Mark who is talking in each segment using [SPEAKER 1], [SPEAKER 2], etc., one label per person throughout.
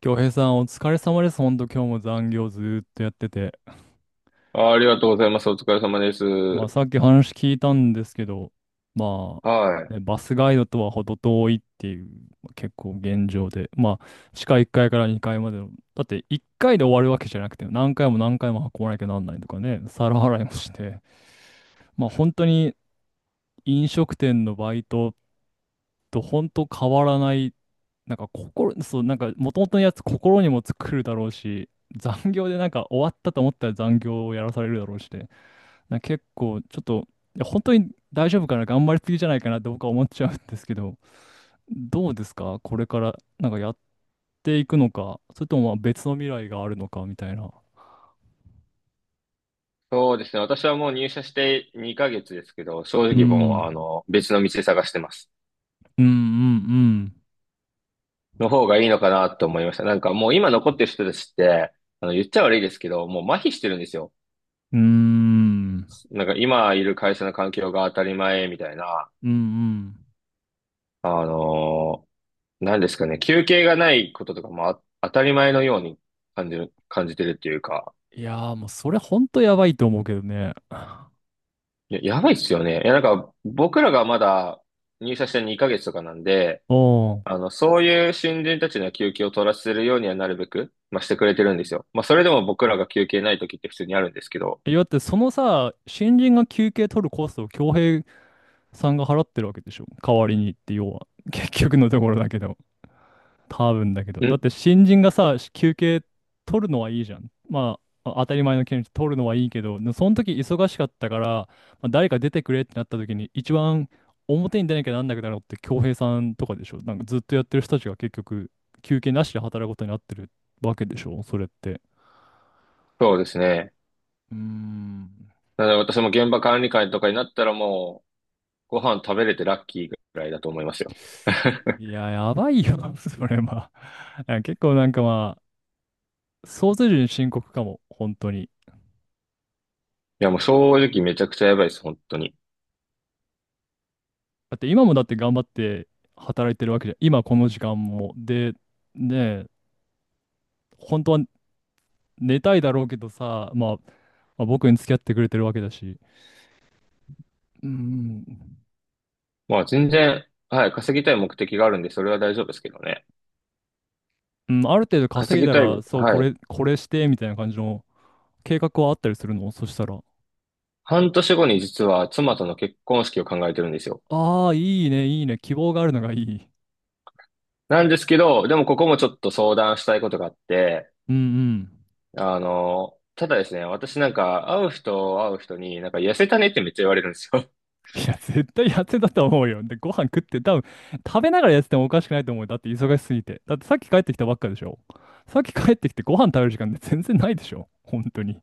[SPEAKER 1] 京平さん、お疲れ様です。ほんと、今日も残業ずーっとやってて。
[SPEAKER 2] ありがとうございます。お疲れ様で
[SPEAKER 1] まあ、
[SPEAKER 2] す。
[SPEAKER 1] さっき話聞いたんですけど、ま
[SPEAKER 2] はい。
[SPEAKER 1] あ、ね、バスガイドとは程遠いっていう、まあ結構現状で。まあ、地下1階から2階までの。だって、1階で終わるわけじゃなくて、何回も何回も運ばなきゃなんないとかね、皿洗いもして。まあ、本当に飲食店のバイトと本当変わらない。なんか心、そう、なんか元々のやつ心にも作るだろうし、残業でなんか終わったと思ったら残業をやらされるだろうしで、なんか結構ちょっと、いや本当に大丈夫かな、頑張りすぎじゃないかなって僕は思っちゃうんですけど、どうですかこれからなんかやっていくのか、それともまあ別の未来があるのかみたいな。
[SPEAKER 2] そうですね。私はもう入社して2ヶ月ですけど、正
[SPEAKER 1] う
[SPEAKER 2] 直もう、
[SPEAKER 1] ん、
[SPEAKER 2] 別の道探してます。
[SPEAKER 1] うん、うん、
[SPEAKER 2] の方がいいのかなと思いました。なんかもう今残ってる人たちって、言っちゃ悪いですけど、もう麻痺してるんですよ。
[SPEAKER 1] うん、うーん、
[SPEAKER 2] なんか今いる会社の環境が当たり前みたいな、
[SPEAKER 1] うん、うん。
[SPEAKER 2] あのなんですかね、休憩がないこととかも当たり前のように感じてるっていうか、
[SPEAKER 1] いやーもうそれ本当やばいと思うけどね。
[SPEAKER 2] いや、やばいっすよね。いや、なんか僕らがまだ入社して2ヶ月とかなんで、
[SPEAKER 1] おん。
[SPEAKER 2] そういう新人たちの休憩を取らせるようにはなるべく、まあ、してくれてるんですよ。まあ、それでも僕らが休憩ない時って普通にあるんですけど。
[SPEAKER 1] え、だってそのさ、新人が休憩取るコストを恭平さんが払ってるわけでしょ。代わりにって要は。結局のところだけど。多分だけど。だって
[SPEAKER 2] ん
[SPEAKER 1] 新人がさ、休憩取るのはいいじゃん。まあ、当たり前の権利取るのはいいけど、でその時忙しかったから、まあ、誰か出てくれってなった時に、一番表に出なきゃなんなくなるのって恭平さんとかでしょ。なんかずっとやってる人たちが結局休憩なしで働くことになってるわけでしょ。それって。
[SPEAKER 2] そうですね。
[SPEAKER 1] うーん。
[SPEAKER 2] なので私も現場管理官とかになったらもう、ご飯食べれてラッキーぐらいだと思いますよ。
[SPEAKER 1] いや、やばいよ、それは。いや結構なんかまあ、想像以上に深刻かも、本当に。
[SPEAKER 2] いや、もう正直めちゃくちゃやばいです、本当に。
[SPEAKER 1] だって今もだって頑張って働いてるわけじゃん。今この時間も。で、ねえ、本当は寝たいだろうけどさ、まあ、まあ、僕に付き合ってくれてるわけだし。うん、
[SPEAKER 2] まあ、全然、はい、稼ぎたい目的があるんで、それは大丈夫ですけどね。
[SPEAKER 1] うん、ある程度
[SPEAKER 2] 稼
[SPEAKER 1] 稼い
[SPEAKER 2] ぎ
[SPEAKER 1] だ
[SPEAKER 2] たい、
[SPEAKER 1] ら、そう、こ
[SPEAKER 2] はい。
[SPEAKER 1] れ、これして、みたいな感じの計画はあったりするのそしたら。
[SPEAKER 2] 半年後に実は妻との結婚式を考えてるんですよ。
[SPEAKER 1] ああ、いいね、いいね、希望があるのがいい。
[SPEAKER 2] なんですけど、でもここもちょっと相談したいことがあって、
[SPEAKER 1] うんうん。
[SPEAKER 2] ただですね、私なんか会う人会う人になんか痩せたねってめっちゃ言われるんですよ。
[SPEAKER 1] いや、絶対やってたと思うよ。で、ご飯食って、多分食べながらやっててもおかしくないと思うよ。だって忙しすぎて。だってさっき帰ってきたばっかでしょ。さっき帰ってきてご飯食べる時間って全然ないでしょ。本当に。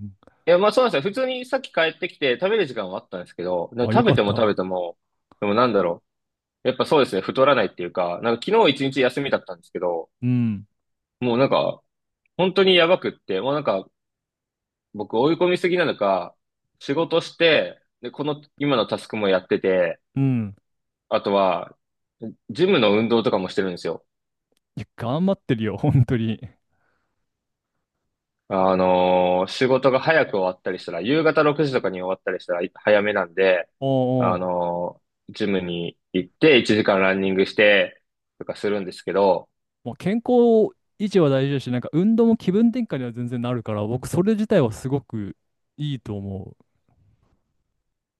[SPEAKER 1] うん。
[SPEAKER 2] いや、まあそうなんですよ。普通にさっき帰ってきて食べる時間はあったんですけど、で
[SPEAKER 1] あ、
[SPEAKER 2] も
[SPEAKER 1] よ
[SPEAKER 2] 食
[SPEAKER 1] か
[SPEAKER 2] べ
[SPEAKER 1] っ
[SPEAKER 2] ても食べ
[SPEAKER 1] た。
[SPEAKER 2] ても、でもなんだろう。やっぱそうですね、太らないっていうか、なんか昨日一日休みだったんですけど、
[SPEAKER 1] うん。
[SPEAKER 2] もうなんか本当にやばくって、もうなんか僕追い込みすぎなのか、仕事して、で、この今のタスクもやってて、
[SPEAKER 1] うん。
[SPEAKER 2] あとは、ジムの運動とかもしてるんですよ。
[SPEAKER 1] いや、頑張ってるよ、本当に。
[SPEAKER 2] 仕事が早く終わったりしたら、夕方6時とかに終わったりしたら早めなんで、
[SPEAKER 1] お
[SPEAKER 2] あ
[SPEAKER 1] うおう。
[SPEAKER 2] のジムに行って1時間ランニングしてとかするんですけど、
[SPEAKER 1] もう健康維持は大事だし、なんか運動も気分転換には全然なるから、僕それ自体はすごくいいと思う。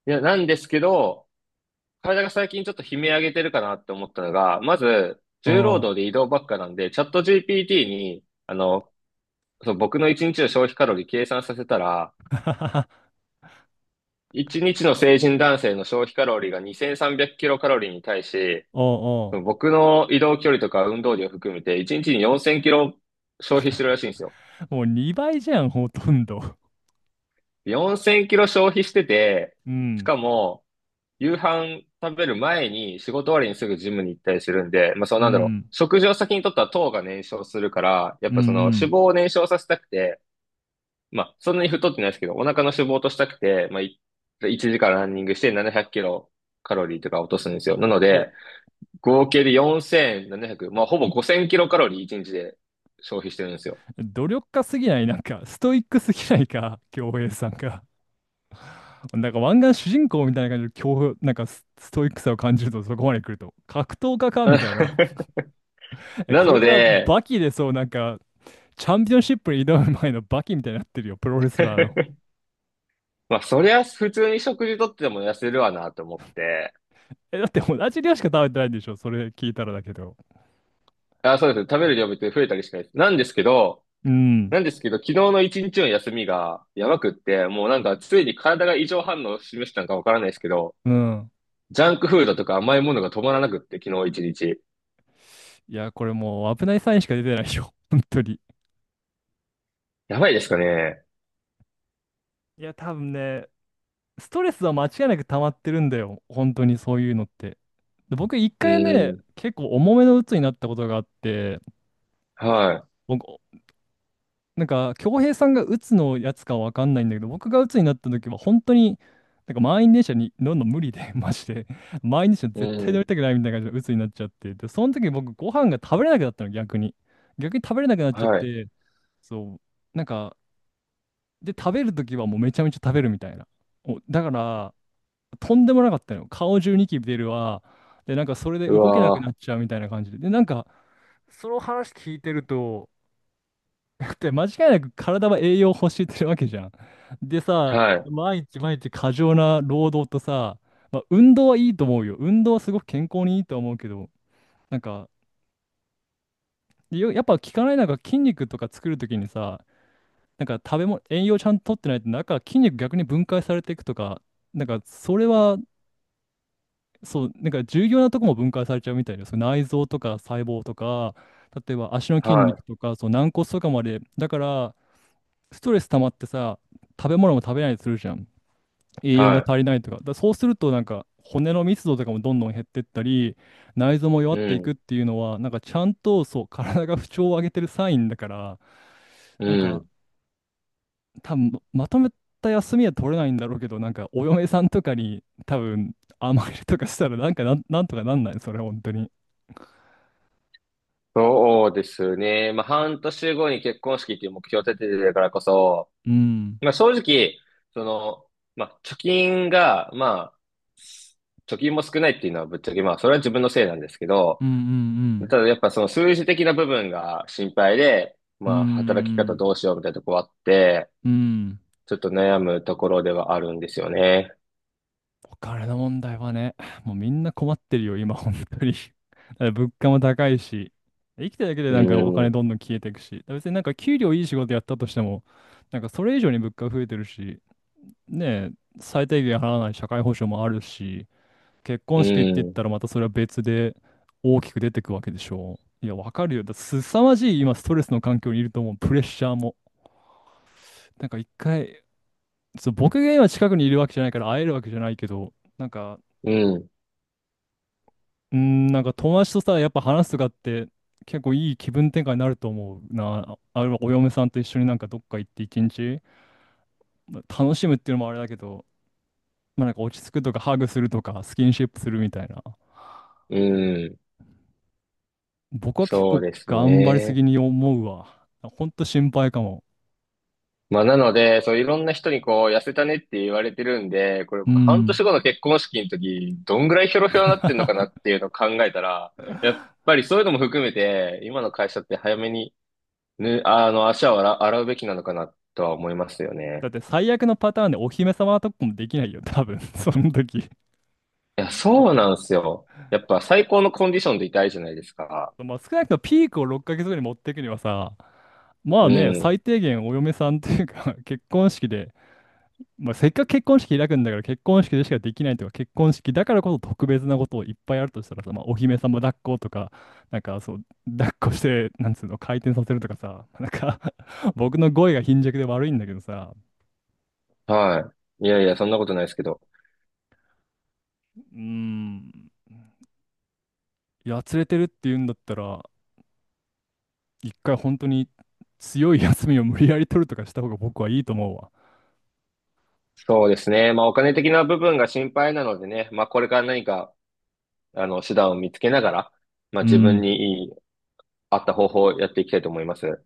[SPEAKER 2] いや、なんですけど、体が最近ちょっと悲鳴上げてるかなって思ったのが、まず、重労
[SPEAKER 1] お
[SPEAKER 2] 働
[SPEAKER 1] う。
[SPEAKER 2] で移動ばっかなんで、チャット GPT に、そう、僕の1日の消費カロリー計算させたら、1日の成人男性の消費カロリーが2300キロカロリーに対し、
[SPEAKER 1] おう
[SPEAKER 2] その
[SPEAKER 1] お
[SPEAKER 2] 僕の移動距離とか運動量含めて、1日に4000キロ消費してるらしいんですよ。
[SPEAKER 1] う。もう2倍じゃん、ほとんど。
[SPEAKER 2] 4000キロ消費してて、
[SPEAKER 1] う
[SPEAKER 2] し
[SPEAKER 1] ん。
[SPEAKER 2] かも、夕飯食べる前に仕事終わりにすぐジムに行ったりするんで、まあそう
[SPEAKER 1] う
[SPEAKER 2] なんだろう。
[SPEAKER 1] ん。
[SPEAKER 2] 食事を先にとったら糖が燃焼するから、やっ
[SPEAKER 1] うんう
[SPEAKER 2] ぱその脂
[SPEAKER 1] ん。
[SPEAKER 2] 肪を燃焼させたくて、まあそんなに太ってないですけど、お腹の脂肪を落としたくて、まあ1時間ランニングして700キロカロリーとか落とすんですよ。なの
[SPEAKER 1] お、
[SPEAKER 2] で、合計で4700、まあ、ほぼ5000キロカロリー1日で消費してるんですよ。
[SPEAKER 1] 努力家すぎない、なんか、ストイックすぎないか、京平さんが。なんか、湾岸主人公みたいな感じで、なんかストイックさを感じると、そこまで来ると。格闘家か、みたいな。え、
[SPEAKER 2] な
[SPEAKER 1] これ
[SPEAKER 2] の
[SPEAKER 1] から
[SPEAKER 2] で、
[SPEAKER 1] バキで、そう、なんか、チャンピオンシップに挑む前のバキみたいになってるよ、プロレスラーの。
[SPEAKER 2] まあ、そりゃ普通に食事とっても痩せるわなと思って、
[SPEAKER 1] え、だって同じ量しか食べてないんでしょ、それ聞いたらだけど。
[SPEAKER 2] あ、そうです。食べる量別に増えたりしないです。なんですけど、
[SPEAKER 1] うん、
[SPEAKER 2] なんですけど、昨日の一日の休みがやばくって、もうなんかついに体が異常反応を示したのかわからないですけど、
[SPEAKER 1] うん。
[SPEAKER 2] ジャンクフードとか甘いものが止まらなくって、昨日一日。
[SPEAKER 1] いや、これもう、危ないサインしか出てないよ、本当に。
[SPEAKER 2] やばいですかね。
[SPEAKER 1] いや、多分ね、ストレスは間違いなく溜まってるんだよ、本当にそういうのって。で僕一
[SPEAKER 2] う
[SPEAKER 1] 回
[SPEAKER 2] ー
[SPEAKER 1] ね、
[SPEAKER 2] ん。
[SPEAKER 1] 結構重めの鬱になったことがあって、
[SPEAKER 2] は
[SPEAKER 1] 僕、なんか、恭平さんが鬱のやつかわかんないんだけど、僕が鬱になった時は本当に、なんか満員電車に乗るの無理で、マジで。満員電車
[SPEAKER 2] い。う
[SPEAKER 1] 絶対
[SPEAKER 2] ー
[SPEAKER 1] 乗り
[SPEAKER 2] ん。
[SPEAKER 1] たくないみたいな感じで鬱になっちゃって。で、その時に僕ご飯が食べれなくなったの、逆に。逆に食べれなくなっちゃっ
[SPEAKER 2] はい。
[SPEAKER 1] て、そう、なんか、で、食べる時はもうめちゃめちゃ食べるみたいな。お、だから、とんでもなかったのよ。顔中ニキビ出るわ。で、なんかそれで
[SPEAKER 2] う
[SPEAKER 1] 動けなくな
[SPEAKER 2] わ
[SPEAKER 1] っちゃうみたいな感じで。で、なんか、その話聞いてると、だって間違いなく体は栄養を欲してるわけじゃん。で
[SPEAKER 2] ー。
[SPEAKER 1] さ、
[SPEAKER 2] はい。
[SPEAKER 1] 毎日毎日過剰な労働とさ、まあ、運動はいいと思うよ。運動はすごく健康にいいと思うけど、なんか、よやっぱ聞かないのが筋肉とか作るときにさ、なんか食べ物、栄養ちゃんと取ってないと、なんか筋肉逆に分解されていくとか、なんかそれは、そう、なんか重要なとこも分解されちゃうみたいです。そう内臓とか細胞とか、例えば足の筋
[SPEAKER 2] は
[SPEAKER 1] 肉
[SPEAKER 2] い。
[SPEAKER 1] とか、そう軟骨とかまで。だから、ストレス溜まってさ、食べ物も食べないりするじゃん。栄養が
[SPEAKER 2] は
[SPEAKER 1] 足りないとか。だからそうすると、なんか、骨の密度とかもどんどん減ってったり、内臓も弱
[SPEAKER 2] い。
[SPEAKER 1] って
[SPEAKER 2] う
[SPEAKER 1] いく
[SPEAKER 2] ん。
[SPEAKER 1] っていうのは、なんか、ちゃんと、そう、体が不調を上げてるサインだから、
[SPEAKER 2] う
[SPEAKER 1] なんか、
[SPEAKER 2] ん。
[SPEAKER 1] 多分まとめた休みは取れないんだろうけど、なんか、お嫁さんとかに、多分甘えるとかしたら、なんかなんとかなんないそれ、本当に。
[SPEAKER 2] そうですね。まあ、半年後に結婚式っていう目標を立ててるからこそ、
[SPEAKER 1] うん、
[SPEAKER 2] まあ、正直、その、まあ、貯金が、まあ、貯金も少ないっていうのはぶっちゃけ、まあ、それは自分のせいなんですけ
[SPEAKER 1] う
[SPEAKER 2] ど、
[SPEAKER 1] ん、うん、
[SPEAKER 2] ただやっぱその数字的な部分が心配で、
[SPEAKER 1] うん、う
[SPEAKER 2] まあ、働き方ど
[SPEAKER 1] ん、
[SPEAKER 2] うしようみたいなとこあって、
[SPEAKER 1] うん、うん。
[SPEAKER 2] ちょっと悩むところではあるんですよね。
[SPEAKER 1] お金の問題はね、もうみんな困ってるよ、今、本当に。だから物価も高いし、生きてるだけで
[SPEAKER 2] う
[SPEAKER 1] なんかお金
[SPEAKER 2] ん。
[SPEAKER 1] どんどん消えていくし、だから別になんか給料いい仕事やったとしても、なんかそれ以上に物価増えてるし、ねえ、最低限払わない社会保障もあるし、結
[SPEAKER 2] う
[SPEAKER 1] 婚式って言っ
[SPEAKER 2] ん。
[SPEAKER 1] たらまたそれは別で大きく出てくわけでしょう。いや、わかるよ。だすさまじい今、ストレスの環境にいると思う、プレッシャーも。なんか一回、そう、僕が今近くにいるわけじゃないから会えるわけじゃないけど、なんか
[SPEAKER 2] うん。
[SPEAKER 1] うん、なんか友達とさ、やっぱ話すとかって結構いい気分転換になると思うな。あるいはお嫁さんと一緒になんかどっか行って一日、まあ楽しむっていうのもあれだけど、まあなんか落ち着くとかハグするとかスキンシップするみたいな。
[SPEAKER 2] うん。
[SPEAKER 1] 僕は結
[SPEAKER 2] そう
[SPEAKER 1] 構
[SPEAKER 2] です
[SPEAKER 1] 頑張りす
[SPEAKER 2] ね。
[SPEAKER 1] ぎに思うわ。ほんと心配かも。
[SPEAKER 2] まあ、なので、そう、いろんな人に痩せたねって言われてるんで、これ
[SPEAKER 1] う
[SPEAKER 2] 僕、半
[SPEAKER 1] ん。
[SPEAKER 2] 年後の結婚式の時、どんぐらいヒョロヒョロになってんのかな っていうのを考えたら、やっぱりそういうのも含めて、今の会社って早めに、ぬ、あの、足を洗うべきなのかなとは思いますよ
[SPEAKER 1] だっ
[SPEAKER 2] ね。
[SPEAKER 1] て最悪のパターンでお姫様とかもできないよ、多分 その時。
[SPEAKER 2] いや、そうなんですよ。やっぱ最高のコンディションでいたいじゃないですか。
[SPEAKER 1] まあ少なくともピークを6ヶ月後に持っていくにはさ、まあ
[SPEAKER 2] う
[SPEAKER 1] ね、
[SPEAKER 2] ん。
[SPEAKER 1] 最低限お嫁さんというか 結婚式で、まあ、せっかく結婚式開くんだから結婚式でしかできないとか結婚式だからこそ特別なことをいっぱいあるとしたらさ、まあ、お姫様抱っことかなんかそう抱っこしてなんつうの回転させるとかさ なんか 僕の語彙が貧弱で悪いんだけどさ。
[SPEAKER 2] はい。いやいや、そんなことないですけど。
[SPEAKER 1] うーん、やつれてるって言うんだったら一回本当に強い休みを無理やり取るとかした方が僕はいいと思うわ。
[SPEAKER 2] そうですね。まあ、お金的な部分が心配なのでね、まあ、これから何か、手段を見つけながら、まあ、
[SPEAKER 1] う
[SPEAKER 2] 自分
[SPEAKER 1] ん
[SPEAKER 2] に合った方法をやっていきたいと思います。